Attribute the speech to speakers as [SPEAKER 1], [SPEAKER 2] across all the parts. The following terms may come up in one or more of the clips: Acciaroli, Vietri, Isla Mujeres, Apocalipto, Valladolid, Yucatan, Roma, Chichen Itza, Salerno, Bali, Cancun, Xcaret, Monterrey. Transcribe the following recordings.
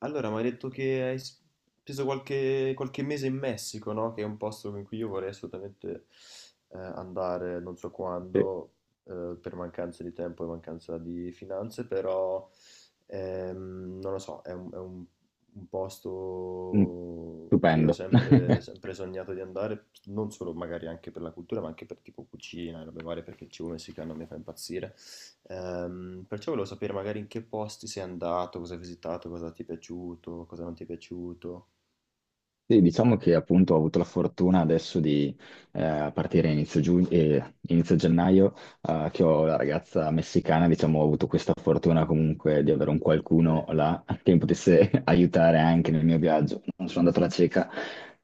[SPEAKER 1] Allora, mi hai detto che hai speso qualche mese in Messico, no? Che è un posto in cui io vorrei assolutamente andare, non so
[SPEAKER 2] Sì,
[SPEAKER 1] quando, per mancanza di tempo e mancanza di finanze, però non lo so, un
[SPEAKER 2] mm,
[SPEAKER 1] posto che ho
[SPEAKER 2] stupendo.
[SPEAKER 1] sempre sognato di andare, non solo magari anche per la cultura, ma anche per tipo cucina e robe varie, perché il cibo messicano mi fa impazzire. Perciò volevo sapere magari in che posti sei andato, cosa hai visitato, cosa ti è piaciuto, cosa non ti è piaciuto.
[SPEAKER 2] Sì, diciamo che appunto ho avuto la fortuna adesso di a partire inizio, giugno, inizio gennaio, che ho la ragazza messicana, diciamo, ho avuto questa fortuna comunque di avere un
[SPEAKER 1] Ok?
[SPEAKER 2] qualcuno là che mi potesse aiutare anche nel mio viaggio. Non sono andato alla cieca.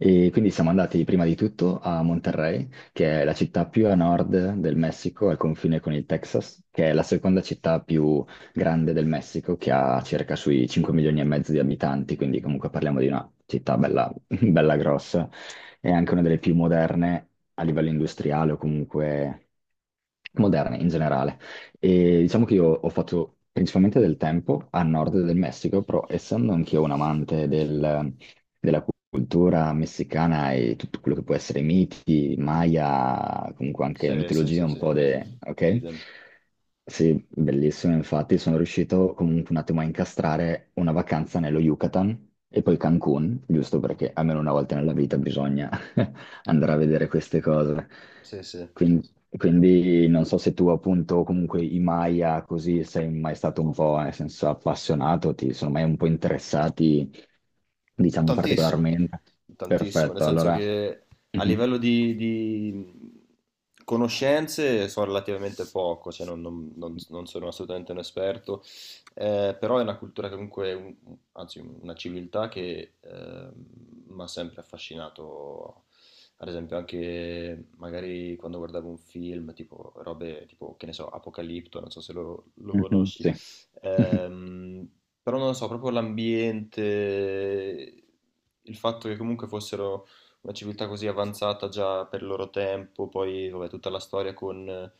[SPEAKER 2] E quindi siamo andati prima di tutto a Monterrey, che è la città più a nord del Messico, al confine con il Texas, che è la seconda città più grande del Messico, che ha circa sui 5 milioni e mezzo di abitanti, quindi comunque parliamo di una città bella bella grossa, è anche una delle più moderne a livello industriale o comunque moderne in generale. E diciamo che io ho fatto principalmente del tempo a nord del Messico, però essendo anch'io un amante della cultura messicana e tutto quello che può essere miti, Maya, comunque anche
[SPEAKER 1] Sì, sì,
[SPEAKER 2] mitologia
[SPEAKER 1] sì,
[SPEAKER 2] un
[SPEAKER 1] sì,
[SPEAKER 2] po' de... ok?
[SPEAKER 1] idem.
[SPEAKER 2] Sì, bellissimo, infatti sono riuscito comunque un attimo a incastrare una vacanza nello Yucatan e poi Cancun, giusto perché almeno una volta nella vita bisogna andare a vedere queste cose.
[SPEAKER 1] Sì, sì.
[SPEAKER 2] Quindi, quindi, non so se tu appunto comunque i Maya così sei mai stato un po' nel senso appassionato, ti sono mai un po' interessati, diciamo
[SPEAKER 1] Tantissimo,
[SPEAKER 2] particolarmente.
[SPEAKER 1] tantissimo, nel
[SPEAKER 2] Perfetto,
[SPEAKER 1] senso
[SPEAKER 2] allora.
[SPEAKER 1] che a
[SPEAKER 2] Mhm.
[SPEAKER 1] livello di conoscenze so relativamente poco, cioè non sono assolutamente un esperto, però è una cultura che comunque, anzi una civiltà che mi ha sempre affascinato, ad esempio anche magari quando guardavo un film, tipo robe tipo, che ne so, Apocalipto, non so se lo
[SPEAKER 2] Mhm.
[SPEAKER 1] conosci.
[SPEAKER 2] Sì.
[SPEAKER 1] Ehm, Però non lo so, proprio l'ambiente, il fatto che comunque fossero una civiltà così avanzata già per il loro tempo, poi vabbè, tutta la storia con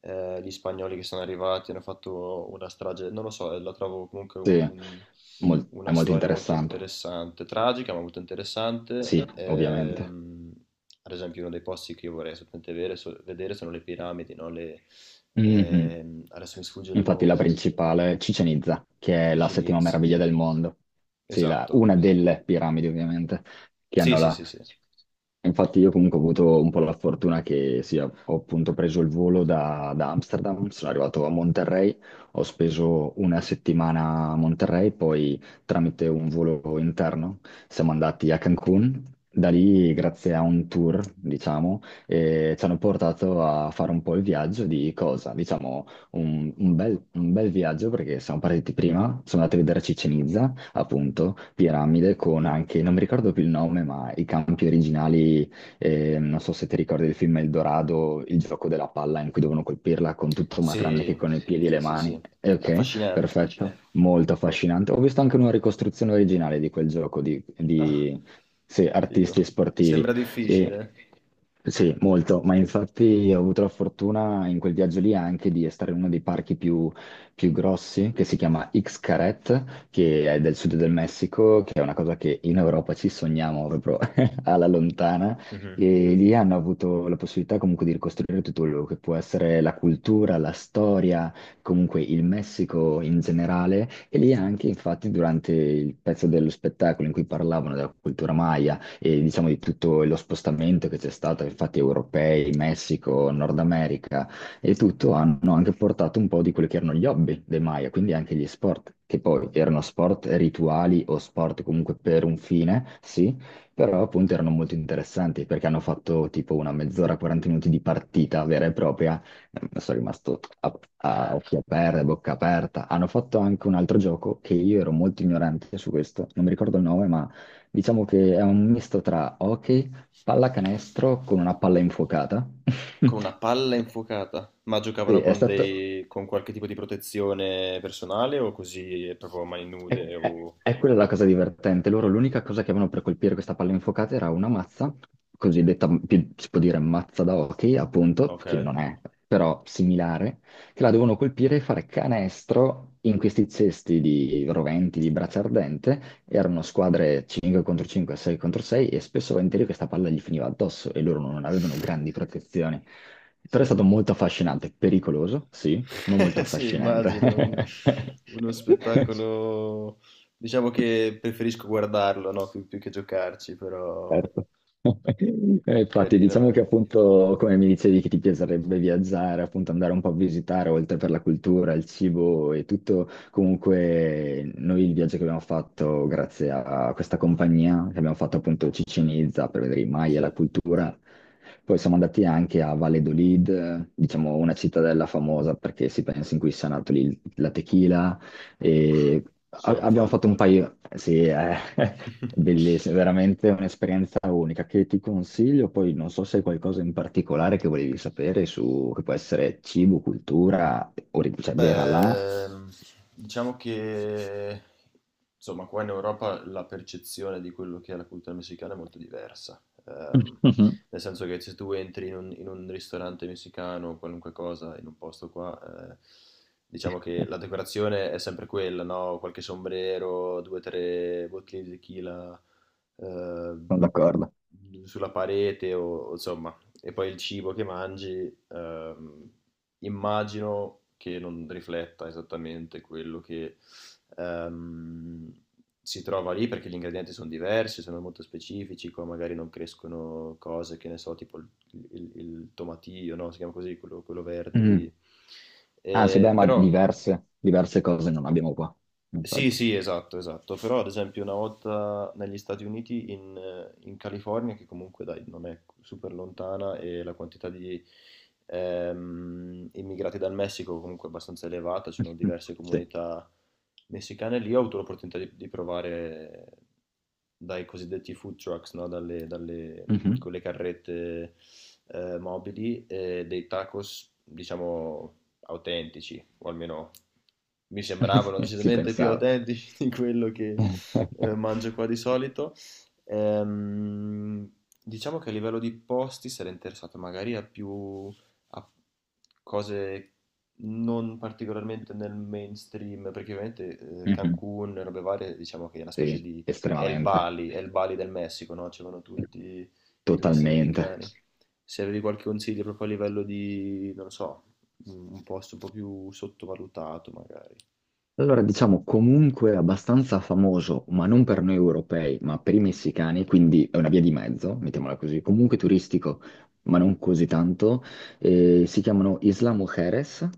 [SPEAKER 1] gli spagnoli che sono arrivati, hanno fatto una strage, non lo so, la trovo comunque
[SPEAKER 2] Sì, mol- è
[SPEAKER 1] una
[SPEAKER 2] molto
[SPEAKER 1] storia molto
[SPEAKER 2] interessante.
[SPEAKER 1] interessante, tragica ma molto interessante.
[SPEAKER 2] Sì, ovviamente.
[SPEAKER 1] Ad esempio uno dei posti che io vorrei assolutamente vedere, vedere sono le piramidi, no?
[SPEAKER 2] Mhm.
[SPEAKER 1] Adesso mi sfugge il
[SPEAKER 2] Infatti la
[SPEAKER 1] nome.
[SPEAKER 2] principale, Chichen Itza, che è la
[SPEAKER 1] Dici
[SPEAKER 2] settima
[SPEAKER 1] Needs,
[SPEAKER 2] meraviglia del mondo. Sì, la-
[SPEAKER 1] esatto.
[SPEAKER 2] una delle piramidi ovviamente che
[SPEAKER 1] Sì,
[SPEAKER 2] hanno
[SPEAKER 1] sì,
[SPEAKER 2] là.
[SPEAKER 1] sì, sì.
[SPEAKER 2] Infatti io comunque ho avuto un po' la fortuna che sì, ho appunto preso il volo da, da Amsterdam, sono arrivato a Monterrey, ho speso una settimana a Monterrey, poi tramite un volo interno siamo andati a Cancun, da lì grazie a un tour, diciamo, e ci hanno portato a fare un po' il viaggio di cosa? Diciamo un bel viaggio perché siamo partiti prima, sono andato a vedere Chichen Itza,
[SPEAKER 1] Mhm.
[SPEAKER 2] appunto, piramide con anche, non mi ricordo più il nome, ma i campi originali, non so se ti ricordi il film Eldorado, il gioco della palla in cui devono colpirla con tutto ma tranne che
[SPEAKER 1] Sì,
[SPEAKER 2] con i piedi e
[SPEAKER 1] sì,
[SPEAKER 2] le
[SPEAKER 1] sì,
[SPEAKER 2] mani.
[SPEAKER 1] sì.
[SPEAKER 2] Ok,
[SPEAKER 1] Affascinante.
[SPEAKER 2] perfetto, molto affascinante. Ho visto anche una ricostruzione originale di quel gioco
[SPEAKER 1] Ah,
[SPEAKER 2] sì, artisti
[SPEAKER 1] figo.
[SPEAKER 2] sportivi.
[SPEAKER 1] Sembra
[SPEAKER 2] E,
[SPEAKER 1] difficile.
[SPEAKER 2] sì, molto, ma infatti ho avuto la fortuna in quel viaggio lì anche di stare in uno dei parchi più, più grossi, che si chiama Xcaret, che è del sud del Messico, che è una cosa che in Europa ci sogniamo proprio alla lontana.
[SPEAKER 1] Mhm,
[SPEAKER 2] E
[SPEAKER 1] mhm.
[SPEAKER 2] lì hanno avuto la possibilità comunque di ricostruire tutto quello che può essere la cultura, la storia, comunque il Messico in generale. E lì anche, infatti, durante il pezzo dello spettacolo in cui parlavano della cultura maya, e diciamo di tutto lo spostamento che c'è stato, infatti europei, Messico, Nord America e tutto hanno anche portato un po' di quelli che erano gli hobby dei Maya, quindi anche gli sport, che poi erano sport rituali o sport comunque per un fine, sì, però appunto erano molto interessanti perché hanno fatto tipo una mezz'ora, 40 minuti di partita vera e propria. Sono rimasto a occhi aperti, a bocca aperta. Hanno fatto anche un altro gioco che io ero molto ignorante su questo, non mi ricordo il nome, ma diciamo che è un misto tra hockey, pallacanestro con una palla infuocata.
[SPEAKER 1] Con una palla infuocata. Ma
[SPEAKER 2] Sì,
[SPEAKER 1] giocavano
[SPEAKER 2] è
[SPEAKER 1] con
[SPEAKER 2] stato,
[SPEAKER 1] dei, con qualche tipo di protezione personale o così proprio a mani nude o...
[SPEAKER 2] È quella la cosa divertente. Loro l'unica cosa che avevano per colpire questa palla infuocata era una mazza, cosiddetta, più- si può dire mazza da hockey, appunto,
[SPEAKER 1] Ok.
[SPEAKER 2] che non è, però similare, che la devono colpire e fare canestro in questi cesti di roventi, di braccia ardente. Erano squadre 5 contro 5, 6 contro 6 e spesso e volentieri questa palla gli finiva addosso e loro non avevano grandi protezioni. Però è
[SPEAKER 1] Sì.
[SPEAKER 2] stato molto affascinante, pericoloso, sì, ma molto
[SPEAKER 1] Sì, immagino uno,
[SPEAKER 2] affascinante.
[SPEAKER 1] uno spettacolo. Diciamo che preferisco guardarlo, no? Più che giocarci, però
[SPEAKER 2] Certo. Infatti,
[SPEAKER 1] carino,
[SPEAKER 2] diciamo che
[SPEAKER 1] eh.
[SPEAKER 2] appunto, come mi dicevi, che ti piacerebbe viaggiare, appunto andare un po' a visitare, oltre per la cultura, il cibo e tutto, comunque noi il viaggio che abbiamo fatto grazie a questa compagnia, che abbiamo fatto appunto Cicinizza per vedere i Maya e
[SPEAKER 1] Sì.
[SPEAKER 2] la cultura, poi siamo andati anche a Valladolid, diciamo una cittadella famosa perché si pensa in cui sia nato lì la tequila,
[SPEAKER 1] Uff,
[SPEAKER 2] e
[SPEAKER 1] sono un
[SPEAKER 2] abbiamo
[SPEAKER 1] fan.
[SPEAKER 2] fatto un paio, sì, è bellissimo, veramente un'esperienza unica che ti consiglio. Poi non so se hai qualcosa in particolare che volevi sapere su, che può essere cibo, cultura, ori- cioè vera là.
[SPEAKER 1] Beh, diciamo che insomma, qua in Europa la percezione di quello che è la cultura messicana è molto diversa.
[SPEAKER 2] Mhm.
[SPEAKER 1] Nel senso che se tu entri in in un ristorante messicano, qualunque cosa, in un posto qua, diciamo che la decorazione è sempre quella, no? Qualche sombrero, due o tre bottiglie di tequila eh,
[SPEAKER 2] Sono d'accordo.
[SPEAKER 1] sulla parete o insomma. E poi il cibo che mangi, immagino che non rifletta esattamente quello che ehm, si trova lì, perché gli ingredienti sono diversi, sono molto specifici, qua magari non crescono cose che ne so, tipo il tomatillo, no? Si chiama così, quello verde
[SPEAKER 2] Mm.
[SPEAKER 1] lì.
[SPEAKER 2] Anzi, beh, ma
[SPEAKER 1] Però
[SPEAKER 2] diverse, diverse cose non abbiamo qua,
[SPEAKER 1] sì,
[SPEAKER 2] infatti.
[SPEAKER 1] sì, esatto. Però ad esempio una volta negli Stati Uniti, in California, che comunque dai, non è super lontana e la quantità di immigrati dal Messico comunque è abbastanza elevata, c'erano
[SPEAKER 2] Mhm.
[SPEAKER 1] diverse
[SPEAKER 2] Sì.
[SPEAKER 1] comunità messicane lì, ho avuto l'opportunità di provare dai cosiddetti food trucks, no?
[SPEAKER 2] Mhm.
[SPEAKER 1] Con le carrette mobili, dei tacos, diciamo, autentici, o almeno mi sembravano
[SPEAKER 2] Si
[SPEAKER 1] decisamente più
[SPEAKER 2] pensava.
[SPEAKER 1] autentici di quello che mangio qua di solito. Ehm, diciamo che a livello di posti sarei interessato magari a più a cose non particolarmente nel mainstream, perché ovviamente
[SPEAKER 2] Mhm.
[SPEAKER 1] Cancun, robe varie, diciamo che è una specie
[SPEAKER 2] Sì,
[SPEAKER 1] di
[SPEAKER 2] estremamente.
[SPEAKER 1] È il Bali del Messico, no? Ci vanno tutti i turisti
[SPEAKER 2] Totalmente.
[SPEAKER 1] americani. Se avevi qualche consiglio proprio a livello di, non lo so, un posto un po' più sottovalutato magari.
[SPEAKER 2] Allora, diciamo comunque abbastanza famoso, ma non per noi europei, ma per i messicani, quindi è una via di mezzo, mettiamola così, comunque turistico, ma non così tanto. Si chiamano Isla Mujeres,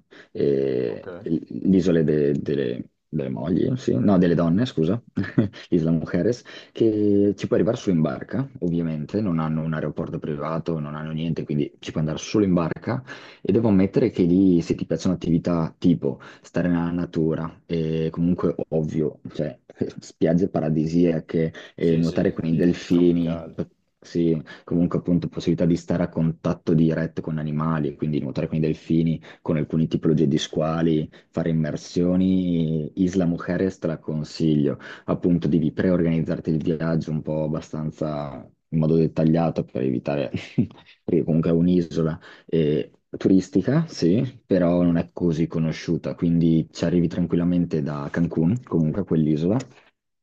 [SPEAKER 1] Ok.
[SPEAKER 2] eh, l- l'isole delle, delle mogli, sì, no, delle donne, scusa, Isla Mujeres, che ci puoi arrivare solo in barca, ovviamente, non hanno un aeroporto privato, non hanno niente, quindi ci puoi andare solo in barca. E devo ammettere che lì, se ti piacciono attività tipo stare nella natura. E comunque, ovvio, cioè, spiagge paradisiache, e
[SPEAKER 1] Sì,
[SPEAKER 2] nuotare
[SPEAKER 1] sì,
[SPEAKER 2] con i, sì, delfini,
[SPEAKER 1] tropicali.
[SPEAKER 2] p- sì, comunque appunto possibilità di stare a contatto diretto con animali, quindi nuotare con i delfini, con alcune tipologie di squali, fare immersioni. Isla Mujeres te la consiglio. Appunto, devi preorganizzarti il viaggio un po' abbastanza in modo dettagliato per evitare, perché comunque è un'isola eh, turistica, sì, però non
[SPEAKER 1] Mhm.
[SPEAKER 2] è così conosciuta, quindi ci arrivi tranquillamente da Cancun, comunque quell'isola,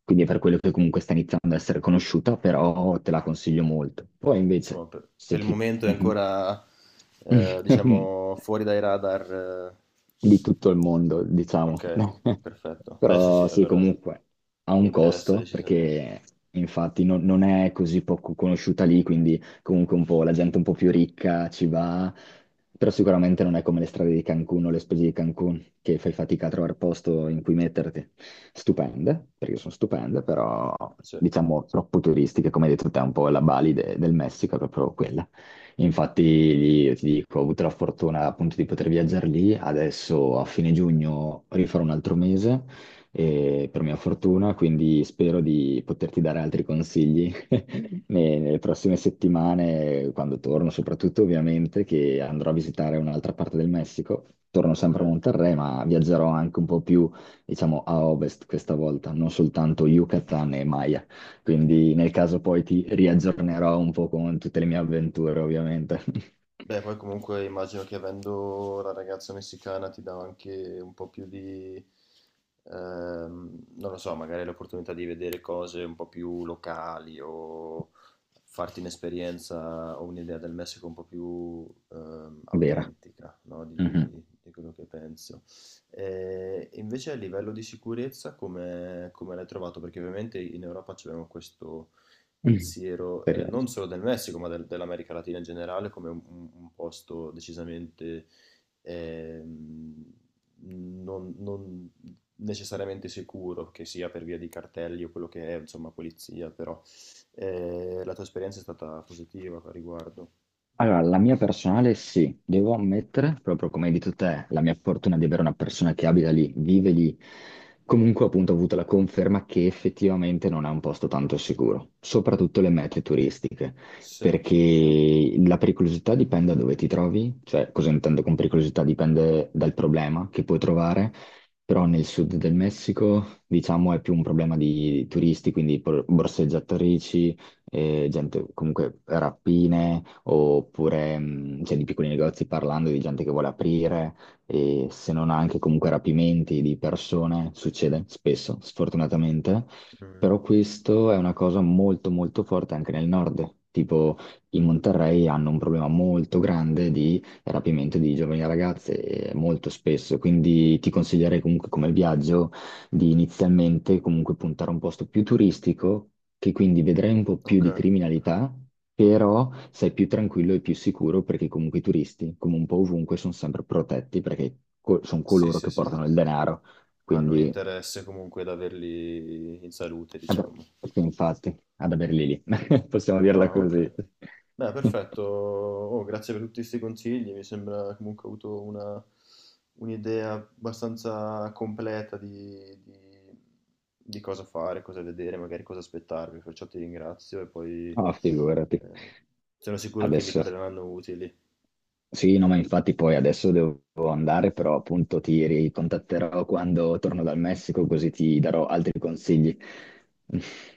[SPEAKER 2] quindi è per quello che comunque sta iniziando ad essere conosciuta, però te la consiglio molto. Poi invece,
[SPEAKER 1] Insomma,
[SPEAKER 2] se
[SPEAKER 1] per il
[SPEAKER 2] ti...
[SPEAKER 1] momento è
[SPEAKER 2] Mhm.
[SPEAKER 1] ancora, diciamo, fuori dai radar. Eh.
[SPEAKER 2] di tutto il mondo,
[SPEAKER 1] Ok,
[SPEAKER 2] diciamo.
[SPEAKER 1] perfetto. Beh, sì,
[SPEAKER 2] Però
[SPEAKER 1] sì,
[SPEAKER 2] sì,
[SPEAKER 1] allora
[SPEAKER 2] comunque ha
[SPEAKER 1] mi
[SPEAKER 2] un
[SPEAKER 1] interessa
[SPEAKER 2] costo
[SPEAKER 1] decisamente.
[SPEAKER 2] perché infatti non è così poco conosciuta lì, quindi comunque un po' la gente un po' più ricca ci va, però sicuramente non è come le strade di Cancun o le spese di Cancun che fai fatica a trovare posto in cui metterti. Stupende, perché sono stupende, però
[SPEAKER 1] Sì,
[SPEAKER 2] diciamo troppo turistiche, come hai detto te, un po' la Bali del Messico è proprio quella. Infatti, lì, io ti dico, ho avuto la fortuna appunto di poter viaggiare lì. Adesso a fine giugno rifarò un altro mese, per mia fortuna, quindi spero di poterti dare altri consigli ne- nelle prossime settimane, quando torno, soprattutto ovviamente che andrò a visitare un'altra parte del Messico. Torno
[SPEAKER 1] ok.
[SPEAKER 2] sempre a Monterrey, ma viaggerò anche un po' più, diciamo, a ovest questa volta, non soltanto Yucatan e Maya. Quindi nel caso poi ti riaggiornerò un po' con tutte le mie avventure, ovviamente.
[SPEAKER 1] Beh, poi comunque immagino che avendo la ragazza messicana ti dà anche un po' più di, non lo so, magari l'opportunità di vedere cose un po' più locali o farti un'esperienza o un'idea del Messico un po' più
[SPEAKER 2] Vera.
[SPEAKER 1] autentica, no? Di, di quello che penso. E invece a livello di sicurezza come, come l'hai trovato? Perché ovviamente in Europa abbiamo questo
[SPEAKER 2] Mhm.
[SPEAKER 1] pensiero
[SPEAKER 2] Speriamo.
[SPEAKER 1] non solo del Messico, ma dell'America Latina in generale, come un, un posto decisamente ehm, non necessariamente sicuro, che sia per via di cartelli o quello che è, insomma, polizia, però la tua esperienza è stata positiva a riguardo.
[SPEAKER 2] Allora, la mia personale sì, devo ammettere, proprio come hai detto te, la mia fortuna di avere una persona che abita lì, vive lì. Comunque, appunto, ho avuto la conferma che effettivamente non è un posto tanto sicuro, soprattutto le mete turistiche,
[SPEAKER 1] Sì.
[SPEAKER 2] perché la pericolosità dipende da dove ti trovi, cioè cosa intendo con pericolosità dipende dal problema che puoi trovare, però nel sud del Messico, diciamo, è più un problema di turisti, quindi por- borseggiatrici, gente, comunque rapine, oppure cioè, di piccoli negozi parlando di gente che vuole aprire, e se non anche comunque rapimenti di persone, succede spesso, sfortunatamente.
[SPEAKER 1] Mm.
[SPEAKER 2] Però questo è una cosa molto molto forte anche nel nord. Tipo, in Monterrey hanno un problema molto grande di rapimento di giovani ragazze, molto spesso. Quindi ti consiglierei comunque come viaggio di inizialmente comunque puntare a un posto più turistico, che quindi vedrai un po' più
[SPEAKER 1] Ok.
[SPEAKER 2] di criminalità, però sei più tranquillo e più sicuro perché comunque i turisti, come un po' ovunque, sono sempre protetti perché co- sono
[SPEAKER 1] Sì,
[SPEAKER 2] coloro
[SPEAKER 1] sì,
[SPEAKER 2] che
[SPEAKER 1] sì.
[SPEAKER 2] portano il denaro.
[SPEAKER 1] Hanno un
[SPEAKER 2] Quindi,
[SPEAKER 1] interesse comunque ad averli in salute,
[SPEAKER 2] ad-
[SPEAKER 1] diciamo.
[SPEAKER 2] sì, infatti, ad averli lì, possiamo dirla
[SPEAKER 1] Ah, ok.
[SPEAKER 2] così.
[SPEAKER 1] Beh, perfetto. Oh, grazie per tutti questi consigli. Mi sembra comunque ho avuto una- un'idea abbastanza completa di, di cosa fare, cosa vedere, magari cosa aspettarmi. Perciò ti ringrazio e poi
[SPEAKER 2] No, figurati.
[SPEAKER 1] eh, sono sicuro che mi
[SPEAKER 2] Adesso
[SPEAKER 1] torneranno utili.
[SPEAKER 2] sì, no, ma infatti poi adesso devo andare, però appunto ti ricontatterò quando torno dal Messico, così ti darò altri consigli.